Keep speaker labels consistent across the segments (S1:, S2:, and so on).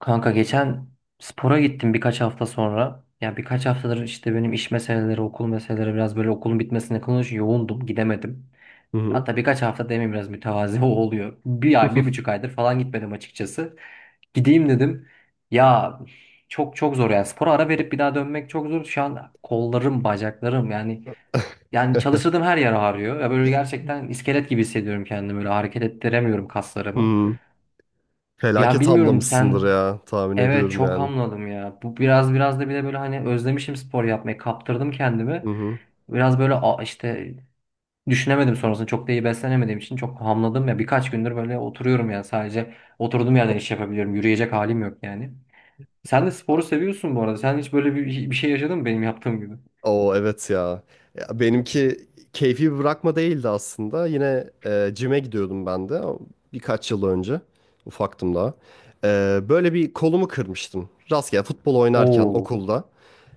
S1: Kanka geçen spora gittim birkaç hafta sonra. Ya birkaç haftadır işte benim iş meseleleri, okul meseleleri biraz böyle okulun bitmesine yakın yoğundum, gidemedim.
S2: Hı hı.
S1: Hatta birkaç hafta demeyeyim biraz mütevazi oluyor. Bir ay, bir buçuk aydır falan gitmedim açıkçası. Gideyim dedim. Ya çok çok zor yani spora ara verip bir daha dönmek çok zor. Şu an kollarım, bacaklarım yani çalıştırdığım her yer ağrıyor. Ya böyle gerçekten iskelet gibi hissediyorum kendimi. Böyle hareket ettiremiyorum kaslarımı.
S2: Hı.
S1: Ya
S2: Felaket
S1: bilmiyorum
S2: hamlamışsındır
S1: sen.
S2: ya tahmin
S1: Evet,
S2: ediyorum
S1: çok
S2: yani.
S1: hamladım ya. Bu biraz da bir de böyle hani özlemişim spor yapmayı. Kaptırdım kendimi.
S2: Hı hı.
S1: Biraz böyle işte düşünemedim sonrasında. Çok da iyi beslenemediğim için çok hamladım ya. Birkaç gündür böyle oturuyorum ya. Sadece oturduğum yerden iş yapabiliyorum. Yürüyecek halim yok yani. Sen de sporu seviyorsun bu arada. Sen hiç böyle bir şey yaşadın mı benim yaptığım gibi?
S2: Oo evet ya. Ya benimki keyfi bir bırakma değildi aslında. Yine cime gidiyordum ben de birkaç yıl önce. Ufaktım daha. Böyle bir kolumu kırmıştım. Rastgele futbol oynarken
S1: Oo,
S2: okulda.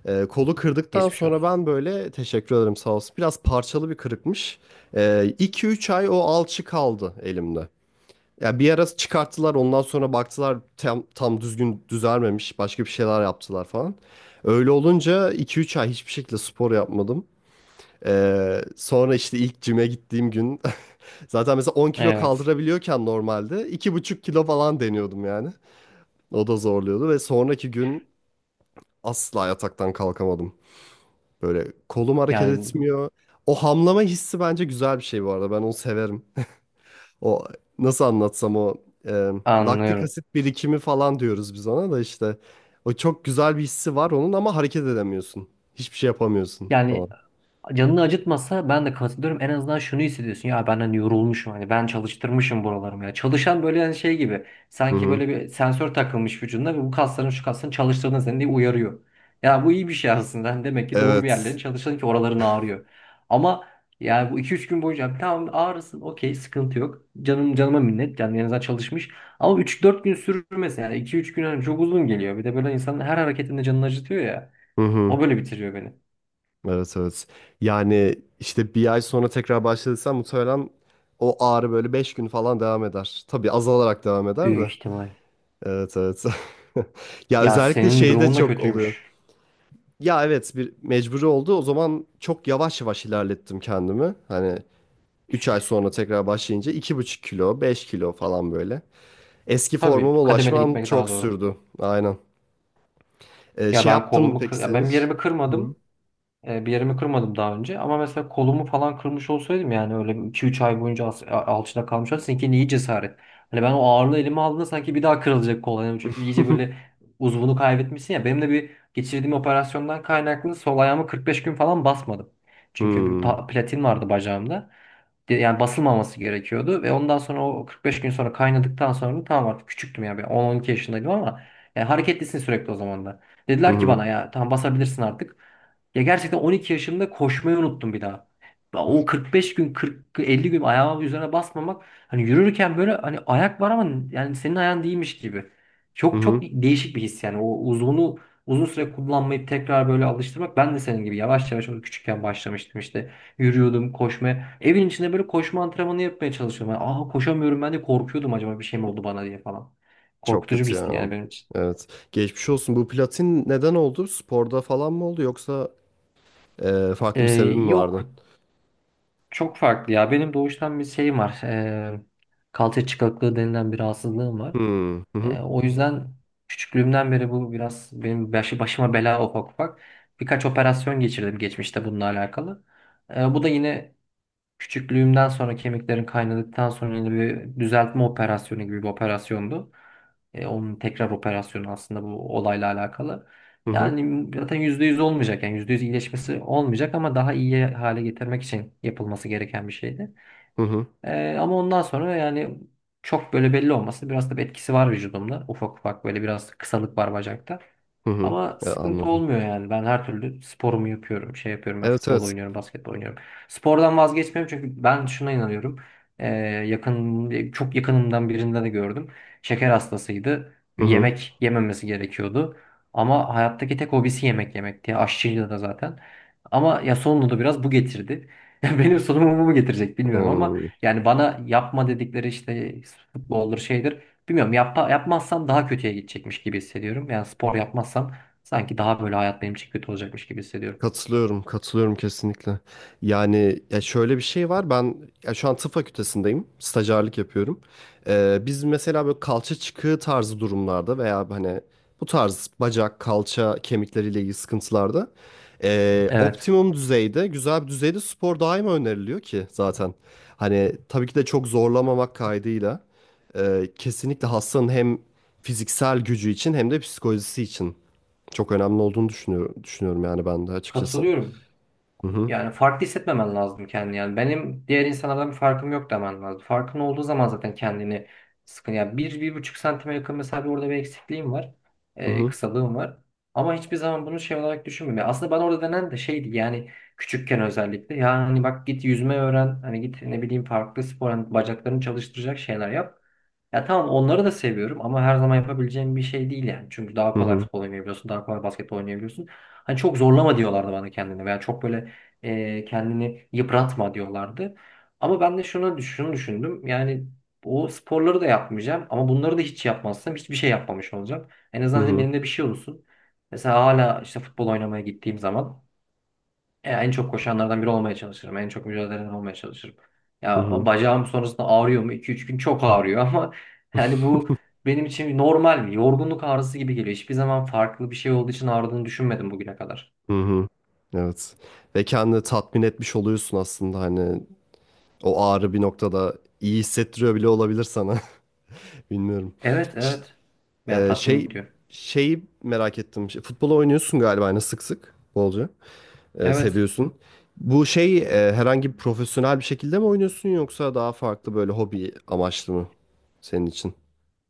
S2: Kolu kırdıktan
S1: geçmiş
S2: sonra
S1: olsun.
S2: ben böyle teşekkür ederim sağ olsun. Biraz parçalı bir kırıkmış. E, 2-3 ay o alçı kaldı elimde. Ya bir ara çıkarttılar ondan sonra baktılar tam düzgün düzelmemiş başka bir şeyler yaptılar falan. Öyle olunca 2-3 ay hiçbir şekilde spor yapmadım. Sonra işte ilk cime gittiğim gün zaten mesela 10 kilo
S1: Evet.
S2: kaldırabiliyorken normalde 2,5 kilo falan deniyordum yani. O da zorluyordu ve sonraki gün asla yataktan kalkamadım. Böyle kolum hareket
S1: Yani
S2: etmiyor. O hamlama hissi bence güzel bir şey bu arada, ben onu severim. O nasıl anlatsam, o e, laktik
S1: anlıyorum.
S2: asit birikimi falan diyoruz biz ona da işte. O çok güzel bir hissi var onun ama hareket edemiyorsun. Hiçbir şey yapamıyorsun falan.
S1: Yani canını acıtmasa ben de katılıyorum. En azından şunu hissediyorsun. Ya ben hani yorulmuşum. Hani ben çalıştırmışım buralarımı ya. Çalışan böyle hani şey gibi.
S2: Hı
S1: Sanki
S2: hı.
S1: böyle bir sensör takılmış vücuduna ve bu kasların şu kasların çalıştığını seni diye uyarıyor. Ya bu iyi bir şey aslında. Hani demek ki doğru bir yerlerin
S2: Evet.
S1: çalıştığın ki oraların ağrıyor. Ama yani bu iki üç gün boyunca tamam ağrısın, okey, sıkıntı yok. Canım canıma minnet. Yani en azından çalışmış. Ama üç dört gün sürmesin. Yani iki üç gün hani çok uzun geliyor. Bir de böyle insanın her hareketinde canını acıtıyor ya.
S2: Hı hı.
S1: O böyle bitiriyor beni.
S2: Evet evet. Yani işte bir ay sonra tekrar başladıysan muhtemelen o ağrı böyle 5 gün falan devam eder. Tabii azalarak devam eder
S1: Büyük
S2: de.
S1: ihtimal.
S2: Evet evet. Ya
S1: Ya
S2: özellikle
S1: senin
S2: şeyde
S1: durumun da
S2: çok oluyor.
S1: kötüymüş.
S2: Ya evet, bir mecburi oldu. O zaman çok yavaş yavaş ilerlettim kendimi. Hani 3 ay sonra tekrar başlayınca 2,5 kilo, 5 kilo falan böyle. Eski
S1: Tabii
S2: formuma
S1: kademeli
S2: ulaşmam
S1: gitmek daha
S2: çok
S1: doğru.
S2: sürdü. Aynen.
S1: Ya
S2: Şey yaptın mı peki sen
S1: ben bir
S2: hiç?
S1: yerimi
S2: Hı.
S1: kırmadım. Bir yerimi kırmadım daha önce ama mesela kolumu falan kırmış olsaydım yani öyle iki üç ay boyunca alçıda kalmış olsaydım seninki iyi cesaret. Hani ben o ağırlığı elime aldığımda sanki bir daha kırılacak kol. Yani çünkü iyice böyle uzvunu kaybetmişsin ya. Benim de bir geçirdiğim operasyondan kaynaklı sol ayağımı 45 gün falan basmadım. Çünkü bir
S2: Hmm.
S1: platin vardı bacağımda. Yani basılmaması gerekiyordu ve ondan sonra o 45 gün sonra kaynadıktan sonra tamam artık küçüktüm ya, ben 10-12 yaşındaydım ama yani hareketlisin sürekli o zaman da.
S2: Hı
S1: Dediler ki
S2: hı.
S1: bana ya tamam basabilirsin artık. Ya gerçekten 12 yaşımda koşmayı unuttum bir daha. Ya o 45 gün 40 50 gün ayağımın üzerine basmamak, hani yürürken böyle hani ayak var ama yani senin ayağın değilmiş gibi.
S2: Hı
S1: Çok çok
S2: hı.
S1: değişik bir his yani o uzun süre kullanmayıp tekrar böyle alıştırmak ben de senin gibi yavaş yavaş onu küçükken başlamıştım işte. Yürüyordum koşmaya. Evin içinde böyle koşma antrenmanı yapmaya çalışıyordum. Yani, aa koşamıyorum ben de korkuyordum acaba bir şey mi oldu bana diye falan.
S2: Çok
S1: Korkutucu bir
S2: kötü
S1: histi
S2: ya.
S1: yani benim için.
S2: Evet. Geçmiş olsun. Bu platin neden oldu? Sporda falan mı oldu yoksa farklı bir sebebi
S1: Ee,
S2: mi
S1: Yok
S2: vardı?
S1: çok farklı ya. Benim doğuştan bir şeyim var. Kalça çıkıklığı denilen bir rahatsızlığım var.
S2: Hmm. Hı hı.
S1: O yüzden küçüklüğümden beri bu biraz benim başıma bela ufak ufak. Birkaç operasyon geçirdim geçmişte bununla alakalı. Bu da yine küçüklüğümden sonra kemiklerim kaynadıktan sonra yine bir düzeltme operasyonu gibi bir operasyondu. Onun tekrar operasyonu aslında bu olayla alakalı.
S2: Hı hı.
S1: Yani zaten %100 olmayacak, yani %100 iyileşmesi olmayacak ama daha iyi hale getirmek için yapılması gereken bir şeydi.
S2: Hı hı.
S1: Ama ondan sonra yani çok böyle belli olması biraz da bir etkisi var vücudumda. Ufak ufak böyle biraz kısalık var bacakta.
S2: Hı hı.
S1: Ama sıkıntı
S2: Anladım.
S1: olmuyor yani. Ben her türlü sporumu yapıyorum. Şey yapıyorum, ben
S2: Evet
S1: futbol
S2: evet.
S1: oynuyorum, basketbol oynuyorum. Spordan vazgeçmiyorum çünkü ben şuna inanıyorum. Ee, Çok yakınımdan birinde de gördüm. Şeker hastasıydı.
S2: Hı hı.
S1: Yemek yememesi gerekiyordu. Ama hayattaki tek hobisi yemek yemekti. Aşçıydı da zaten. Ama ya sonunda da biraz bu getirdi. Benim sonumu bu mu getirecek bilmiyorum ama
S2: Hmm.
S1: yani bana yapma dedikleri işte futboldur şeydir. Bilmiyorum, yapmazsam daha kötüye gidecekmiş gibi hissediyorum. Yani spor yapmazsam sanki daha böyle hayat benim için kötü olacakmış gibi hissediyorum.
S2: Katılıyorum, katılıyorum kesinlikle. Yani ya şöyle bir şey var. Ben ya şu an tıp fakültesindeyim. Stajyerlik yapıyorum. Biz mesela böyle kalça çıkığı tarzı durumlarda veya hani bu tarz bacak, kalça, kemikleriyle ilgili sıkıntılarda
S1: Evet.
S2: optimum düzeyde, güzel bir düzeyde spor daima öneriliyor ki zaten. Hani tabii ki de çok zorlamamak kaydıyla kesinlikle hastanın hem fiziksel gücü için hem de psikolojisi için çok önemli olduğunu düşünüyorum yani ben de açıkçası.
S1: Katılıyorum.
S2: Hı hı,
S1: Yani farklı hissetmemen lazım kendini. Yani benim diğer insanlardan bir farkım yok demen lazım. Farkın olduğu zaman zaten kendini sıkın. Yani bir, bir buçuk santime yakın mesela bir orada bir eksikliğim var.
S2: hı hı,
S1: Kısalığım var. Ama hiçbir zaman bunu şey olarak düşünmüyorum. Yani aslında bana orada denen de şeydi yani küçükken özellikle. Yani hani bak git yüzme öğren. Hani git ne bileyim farklı spor hani bacaklarını çalıştıracak şeyler yap. Ya tamam onları da seviyorum ama her zaman yapabileceğim bir şey değil yani. Çünkü daha
S2: hı
S1: kolay
S2: hı,
S1: futbol oynayabiliyorsun, daha kolay basketbol oynayabiliyorsun. Hani çok zorlama diyorlardı bana kendine veya çok böyle kendini yıpratma diyorlardı. Ama ben de şunu düşündüm. Yani o sporları da yapmayacağım ama bunları da hiç yapmazsam hiçbir şey yapmamış olacağım. En
S2: hı
S1: azından dedim
S2: hı,
S1: elimde bir şey olsun. Mesela hala işte futbol oynamaya gittiğim zaman en çok koşanlardan biri olmaya çalışırım. En çok mücadele eden olmaya çalışırım.
S2: hı
S1: Ya o
S2: hı,
S1: bacağım sonrasında ağrıyor mu? 2 üç gün çok ağrıyor ama yani bu benim için normal bir yorgunluk ağrısı gibi geliyor. Hiçbir zaman farklı bir şey olduğu için ağrıdığını düşünmedim bugüne kadar.
S2: hı hı. Evet. Ve kendini tatmin etmiş oluyorsun aslında, hani o ağrı bir noktada iyi hissettiriyor bile olabilir sana. Bilmiyorum.
S1: Evet
S2: Ş-
S1: evet. Yani
S2: e,
S1: tatmin
S2: şey
S1: ediyor.
S2: şeyi merak ettim. Şey, futbol oynuyorsun galiba hani sık sık bolca. E,
S1: Evet.
S2: seviyorsun. Bu şey herhangi bir profesyonel bir şekilde mi oynuyorsun yoksa daha farklı böyle hobi amaçlı mı senin için?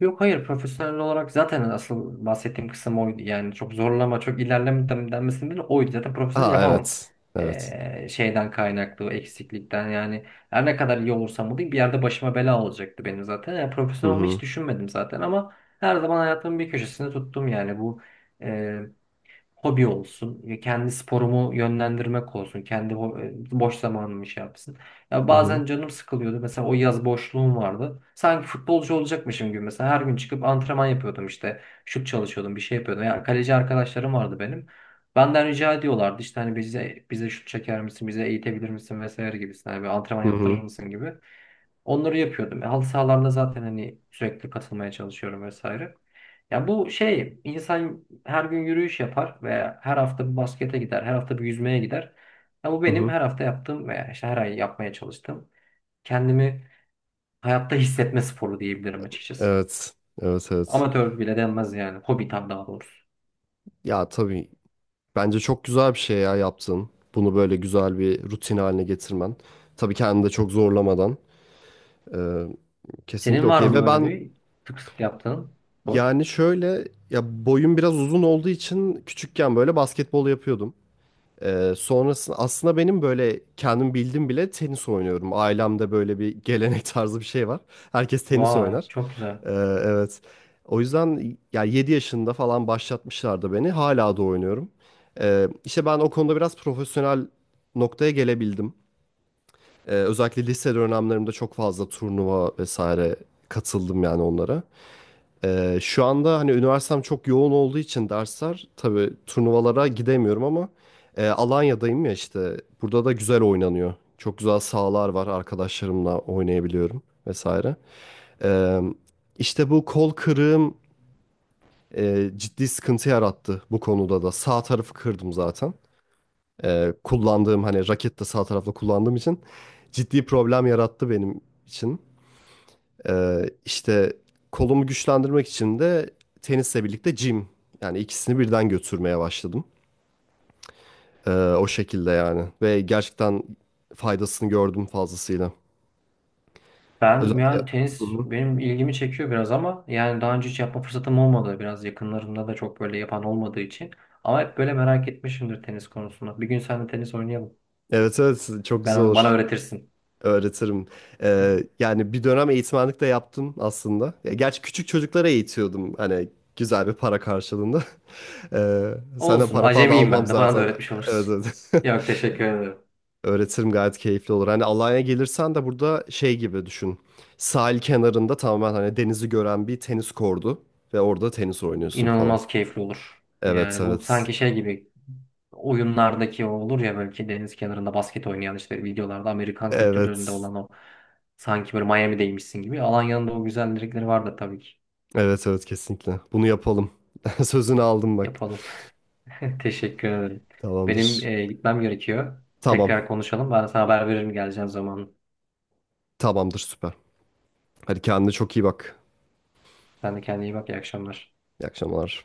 S1: Yok hayır, profesyonel olarak zaten asıl bahsettiğim kısım oydu. Yani çok zorlama, çok ilerleme denmesinin bile oydu. Zaten profesyonel
S2: Ha
S1: yapamam.
S2: evet. Evet.
S1: Şeyden kaynaklı, o eksiklikten yani. Her ne kadar iyi olursam olayım bir yerde başıma bela olacaktı benim zaten. Yani
S2: Hı
S1: profesyonel olmayı
S2: hı.
S1: hiç düşünmedim zaten ama her zaman hayatımın bir köşesinde tuttum yani bu. Hobi olsun, ya kendi sporumu yönlendirmek olsun, kendi boş zamanımı şey yapsın. Ya
S2: Hı hı.
S1: bazen canım sıkılıyordu. Mesela o yaz boşluğum vardı. Sanki futbolcu olacakmışım gibi. Mesela her gün çıkıp antrenman yapıyordum işte. Şut çalışıyordum, bir şey yapıyordum. Ya kaleci arkadaşlarım vardı benim. Benden rica ediyorlardı işte hani bize şut çeker misin, bize eğitebilir misin vesaire gibisinden. Yani bir antrenman
S2: Hı
S1: yaptırır
S2: hı.
S1: mısın gibi. Onları yapıyordum. Halı sahalarda zaten hani sürekli katılmaya çalışıyorum vesaire. Ya bu şey insan her gün yürüyüş yapar veya her hafta bir baskete gider, her hafta bir yüzmeye gider. Ya bu
S2: Hı
S1: benim
S2: hı.
S1: her hafta yaptığım veya işte her ay yapmaya çalıştığım kendimi hayatta hissetme sporu diyebilirim açıkçası.
S2: Evet. Evet evet.
S1: Amatör bile denmez yani. Hobi tam daha doğrusu.
S2: Ya tabii bence çok güzel bir şey ya yaptın. Bunu böyle güzel bir rutin haline getirmen. Tabii kendini de çok zorlamadan. Ee, Kesinlikle
S1: Senin var
S2: okey.
S1: mı
S2: Ve
S1: böyle
S2: ben
S1: bir sık sık yaptığın spor?
S2: yani şöyle, ya boyum biraz uzun olduğu için küçükken böyle basketbol yapıyordum. Sonrasında aslında benim böyle kendim bildim bile tenis oynuyorum. Ailemde böyle bir gelenek tarzı bir şey var. Herkes tenis
S1: Vay
S2: oynar.
S1: çok güzel.
S2: Ee, evet. O yüzden ya 7 yaşında falan başlatmışlardı beni. Hala da oynuyorum. İşte ben o konuda biraz profesyonel noktaya gelebildim. Özellikle lise dönemlerimde çok fazla turnuva vesaire katıldım yani onlara. Şu anda hani üniversitem çok yoğun olduğu için dersler, tabii turnuvalara gidemiyorum ama Alanya'dayım ya işte. Burada da güzel oynanıyor. Çok güzel sahalar var. Arkadaşlarımla oynayabiliyorum vesaire. Ee, işte bu kol kırığım ciddi sıkıntı yarattı bu konuda da. Sağ tarafı kırdım zaten. Kullandığım hani raket de sağ tarafla kullandığım için ciddi problem yarattı benim için. İşte kolumu güçlendirmek için de tenisle birlikte gym, yani ikisini birden götürmeye başladım. O şekilde yani ve gerçekten faydasını gördüm fazlasıyla.
S1: Ben
S2: Özellikle
S1: yani
S2: hı
S1: tenis
S2: hı.
S1: benim ilgimi çekiyor biraz ama yani daha önce hiç yapma fırsatım olmadı. Biraz yakınlarımda da çok böyle yapan olmadığı için. Ama hep böyle merak etmişimdir tenis konusunda. Bir gün seninle tenis oynayalım.
S2: Evet evet, çok güzel
S1: Bana
S2: olur.
S1: öğretirsin.
S2: Öğretirim. Yani bir dönem eğitmenlik de yaptım aslında. Ya, gerçi küçük çocuklara eğitiyordum. Hani güzel bir para karşılığında. Ee, Senden
S1: Olsun.
S2: para falan
S1: Acemiyim
S2: almam
S1: ben de. Bana da
S2: zaten.
S1: öğretmiş
S2: Evet,
S1: olursun.
S2: evet.
S1: Yok, teşekkür ederim.
S2: Öğretirim, gayet keyifli olur. Hani Alanya'ya gelirsen de burada şey gibi düşün. Sahil kenarında, tamamen hani denizi gören bir tenis kordu. Ve orada tenis oynuyorsun falan.
S1: İnanılmaz keyifli olur.
S2: Evet
S1: Yani bu
S2: evet.
S1: sanki şey gibi oyunlardaki o olur ya, belki deniz kenarında basket oynayan işte videolarda Amerikan kültürlerinde
S2: Evet.
S1: olan o, sanki böyle Miami'deymişsin gibi. Alanya'nın da o güzellikleri var da tabii ki.
S2: Evet evet, kesinlikle. Bunu yapalım. Sözünü aldım bak.
S1: Yapalım. Teşekkür ederim. Benim
S2: Tamamdır.
S1: gitmem gerekiyor.
S2: Tamam.
S1: Tekrar konuşalım. Ben sana haber veririm geleceğim zaman.
S2: Tamamdır, süper. Hadi kendine çok iyi bak.
S1: Sen de kendine iyi bak. İyi akşamlar.
S2: İyi akşamlar.